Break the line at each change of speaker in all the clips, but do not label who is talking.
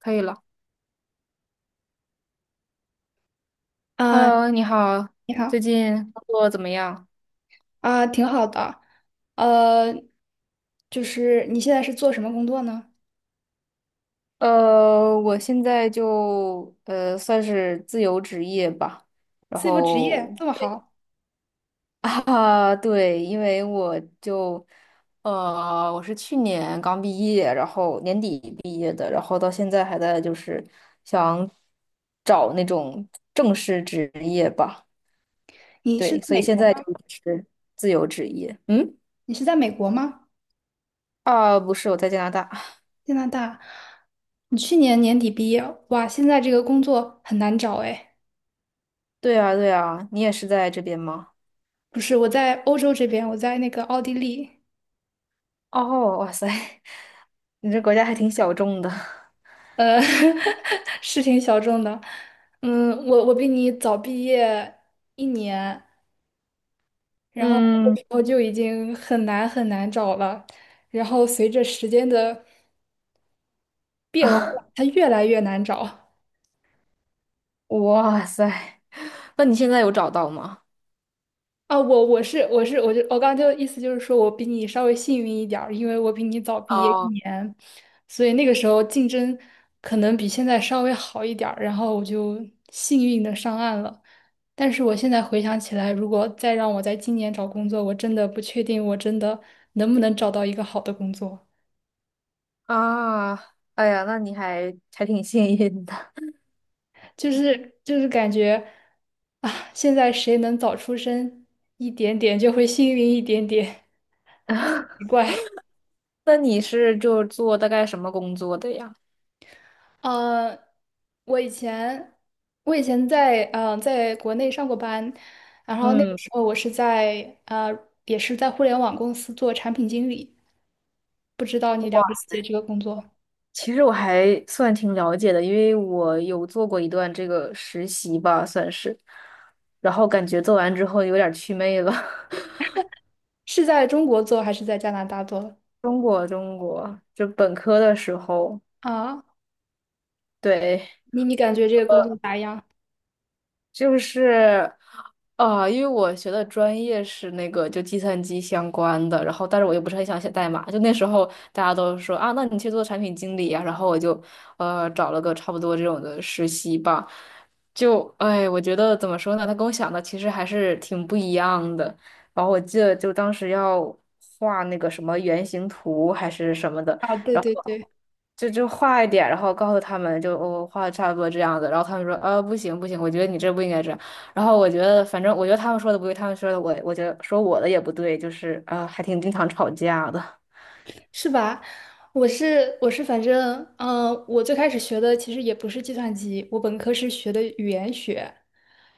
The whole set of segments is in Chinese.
可以了。
啊，
Hello，你好，
你好
最近工作怎么样？
啊，挺好的。呃，就是你现在是做什么工作呢？
我现在就算是自由职业吧，然
自由职业
后
这么好，
啊，对，因为我就我是去年刚毕业，然后年底毕业的，然后到现在还在就是想找那种正式职业吧，
你是
对，
在
所以
美
现
国
在就
吗？
是自由职业。嗯，
你是在美国吗？
啊，不是，我在加拿大。
加拿大？你去年年底毕业，哇，现在这个工作很难找哎。
对啊，对啊，你也是在这边吗？
不是，我在欧洲这边，我在那个奥地利，
哦，哇塞，你这国家还挺小众的。
呃，是挺小众的。嗯，我比你早毕业一年，然后那
嗯，
个时候就已经很难很难找了，然后随着时间的变化，它 越来越难找。
哇塞，那你现在有找到吗？
啊！我刚刚就意思就是说我比你稍微幸运一点儿，因为我比你早毕业一
哦，
年，所以那个时候竞争可能比现在稍微好一点儿，然后我就幸运的上岸了。但是我现在回想起来，如果再让我在今年找工作，我真的不确定我真的能不能找到一个好的工作。
啊，哎呀，那你还挺幸运的。
就是感觉啊，现在谁能早出生一点点，就会幸运一点点，奇 怪。
那你是就做大概什么工作的呀？
呃，我以前我以前在国内上过班，然后那个
嗯，
时候我是在呃也是在互联网公司做产品经理，不知道你了不了解这个工作，
其实我还算挺了解的，因为我有做过一段这个实习吧，算是。然后感觉做完之后有点儿祛魅了。
是在中国做还是在加拿大做？
中国，中国，就本科的时候，
啊，
对。
你感觉这个工作咋样？
就是，啊、因为我学的专业是那个就计算机相关的，然后但是我又不是很想写代码，就那时候大家都说啊，那你去做产品经理呀、然后我就找了个差不多这种的实习吧，就哎，我觉得怎么说呢，他跟我想的其实还是挺不一样的。然后我记得就当时要画那个什么原型图还是什么的，
啊，对
然后
对对。
就画一点，然后告诉他们就我、画的差不多这样子，然后他们说啊不行不行，我觉得你这不应该这样。然后我觉得反正我觉得他们说的不对，他们说的我觉得说我的也不对，就是啊、还挺经常吵架的。
是吧？我是，反正我最开始学的其实也不是计算机，我本科是学的语言学，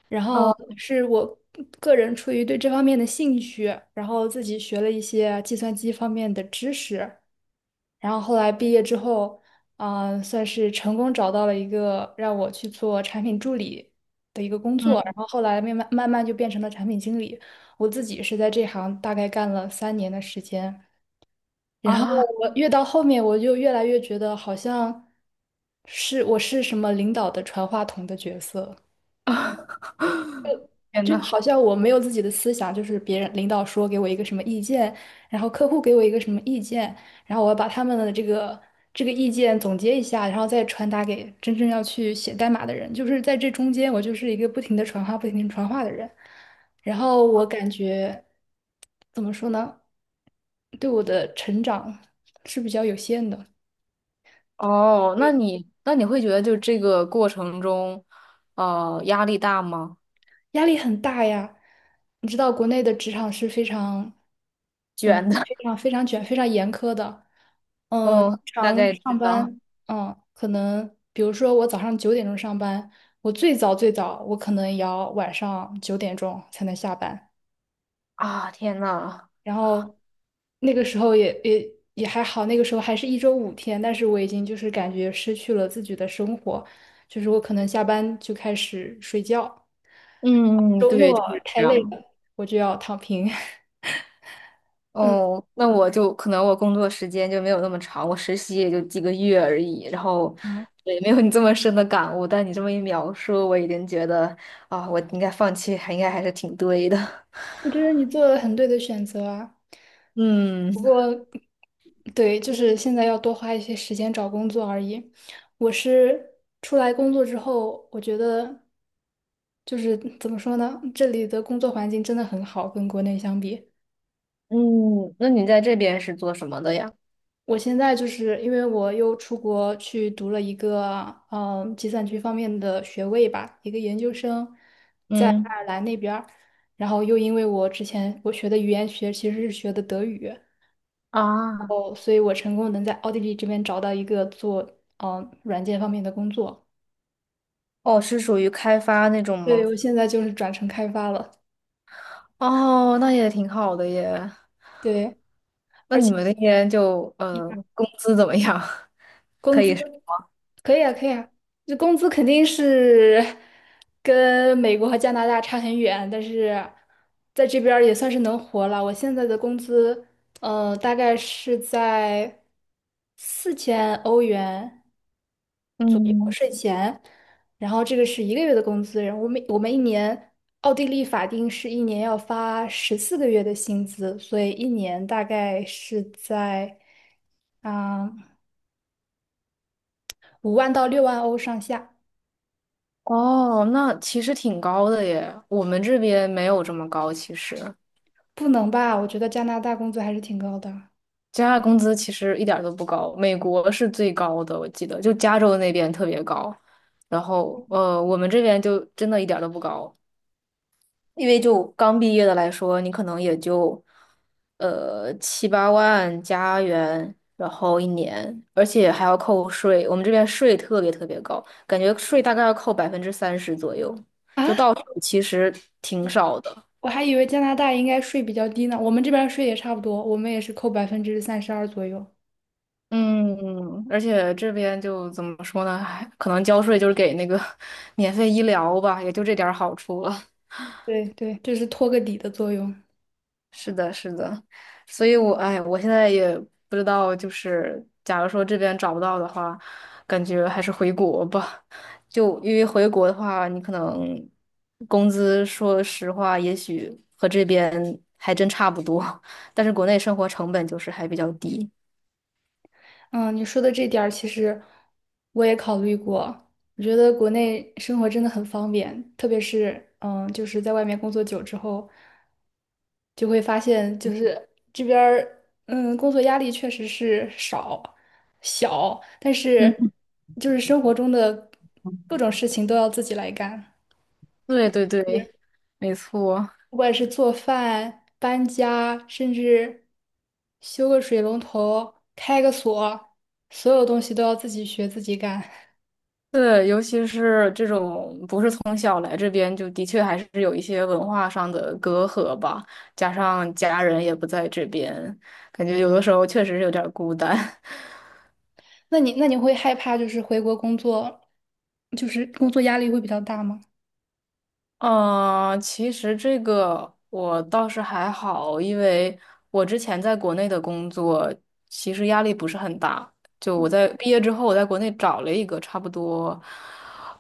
然后
哦，
是我个人出于对这方面的兴趣，然后自己学了一些计算机方面的知识，然后后来毕业之后，算是成功找到了一个让我去做产品助理的一个工作，然
嗯
后后来慢慢慢慢就变成了产品经理，我自己是在这行大概干了三年的时间。然后
啊
我越到后面，我就越来越觉得好像是我是什么领导的传话筒的角色，
啊！天
就
呐，
好像我没有自己的思想，就是别人领导说给我一个什么意见，然后客户给我一个什么意见，然后我要把他们的这个意见总结一下，然后再传达给真正要去写代码的人。就是在这中间，我就是一个不停的传话、不停的传话的人。然后我感觉怎么说呢，对我的成长是比较有限的。
哦，那你会觉得就这个过程中，压力大吗？
压力很大呀。你知道国内的职场是非常、
卷的，
非常、非常卷、非常严苛的。经
嗯，大
常
概
上
知道
班，可能比如说我早上九点钟上班，我最早最早我可能也要晚上九点钟才能下班。
啊。天呐，
然后那个时候也还好，那个时候还是一周5天，但是我已经就是感觉失去了自己的生活，就是我可能下班就开始睡觉，
嗯，
周
对，
末
就是
太
这
累
样。
了，我就要躺平。
哦，那我就可能我工作时间就没有那么长，我实习也就几个月而已，然后
嗯，
也没有你这么深的感悟。但你这么一描述，我已经觉得啊，我应该放弃，还应该还是挺对的。
我觉得你做了很对的选择啊。
嗯
对，就是现在要多花一些时间找工作而已。我是出来工作之后，我觉得就是怎么说呢，这里的工作环境真的很好，跟国内相比。
嗯，那你在这边是做什么的呀？
我现在就是因为我又出国去读了一个计算机方面的学位吧，一个研究生，在爱
嗯
尔兰那边儿。然后又因为我之前我学的语言学其实是学的德语，
啊，
哦，所以我成功能在奥地利这边找到一个做软件方面的工作。
哦，是属于开发那种
对，
吗？
我现在就是转成开发了。
哦，那也挺好的耶。
对，
那
而
你
且
们那边就工资怎么样？
工
可
资
以。
可以啊，可以啊，这工资肯定是跟美国和加拿大差很远，但是在这边儿也算是能活了。我现在的工资，大概是在4000欧元
嗯。
钱，然后这个是一个月的工资，然后我们一年，奥地利法定是一年要发14个月的薪资，所以一年大概是在啊5万到6万欧上下，
哦，那其实挺高的耶，我们这边没有这么高。其实
不能吧？我觉得加拿大工资还是挺高的。
加拿大工资其实一点儿都不高，美国是最高的，我记得就加州那边特别高，然后我们这边就真的一点儿都不高，因为就刚毕业的来说，你可能也就七八万加元，然后一年，而且还要扣税，我们这边税特别特别高，感觉税大概要扣30%左右，
啊，
就到手其实挺少的。
我还以为加拿大应该税比较低呢，我们这边儿税也差不多，我们也是扣32%左右，
嗯，而且这边就怎么说呢，还可能交税就是给那个 免费医疗吧，也就这点儿好处了。
对对，这是托个底的作用。
是的，是的，所以我，哎，我现在也不知道，就是假如说这边找不到的话，感觉还是回国吧。就因为回国的话，你可能工资，说实话，也许和这边还真差不多，但是国内生活成本就是还比较低。
嗯，你说的这点儿，其实我也考虑过。我觉得国内生活真的很方便，特别是就是在外面工作久之后，就会发现，就是这边儿工作压力确实是小，但
嗯，
是就是生活中的各种事情都要自己来干。
对对对，没错。
不管是做饭、搬家，甚至修个水龙头、开个锁，所有东西都要自己学、自己干。
对，尤其是这种不是从小来这边，就的确还是有一些文化上的隔阂吧，加上家人也不在这边，感觉有的时候确实是有点儿孤单。
那你会害怕就是回国工作，就是工作压力会比较大吗？
嗯，其实这个我倒是还好，因为我之前在国内的工作其实压力不是很大。就我在毕业之后，我在国内找了一个差不多，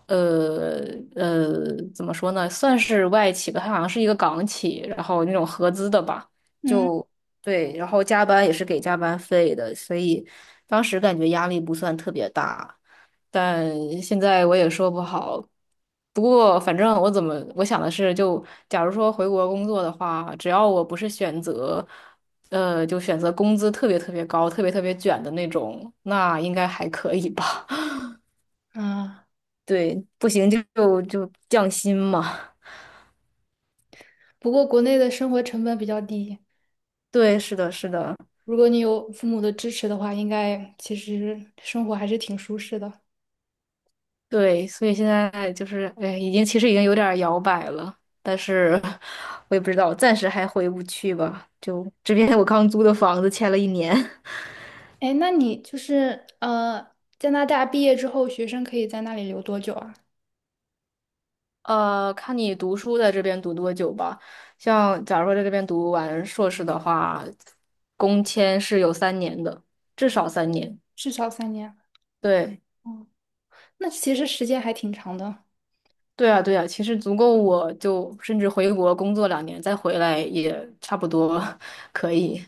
呃怎么说呢，算是外企吧，它好像是一个港企，然后那种合资的吧，
嗯，
就对，然后加班也是给加班费的，所以当时感觉压力不算特别大。但现在我也说不好。不过，反正我怎么我想的是，就假如说回国工作的话，只要我不是选择，就选择工资特别特别高、特别特别卷的那种，那应该还可以吧？
啊，
对，不行就降薪嘛。
不过国内的生活成本比较低，
对，是的，是的，
如果你有父母的支持的话，应该其实生活还是挺舒适的。
对，所以现在就是，哎，已经其实已经有点儿摇摆了，但是我也不知道，暂时还回不去吧。就这边我刚租的房子签了一年。
哎，那你就是加拿大毕业之后，学生可以在那里留多久啊？
看你读书在这边读多久吧。像假如说在这边读完硕士的话，工签是有三年的，至少三年。
至少三年。
对，
那其实时间还挺长的。
对啊，对啊，其实足够我就甚至回国工作2年，再回来也差不多 可以。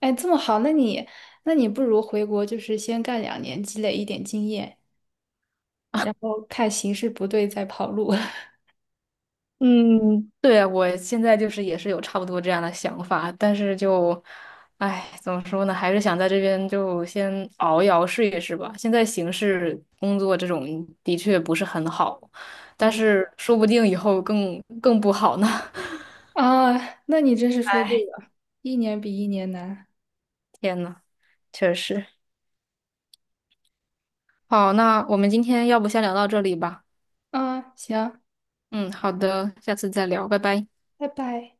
哎，这么好，那你不如回国，就是先干2年，积累一点经验，然后看形势不对再跑路。
嗯，对，我现在就是也是有差不多这样的想法，但是就，哎，怎么说呢，还是想在这边就先熬一熬试一试吧。现在形势工作这种的确不是很好，但
嗯
是说不定以后更不好呢。
啊，那你真是说对
哎，
了，一年比一年难。
天呐，确实。好，那我们今天要不先聊到这里吧。
啊，行，
嗯，好的，下次再聊，拜拜。
拜拜。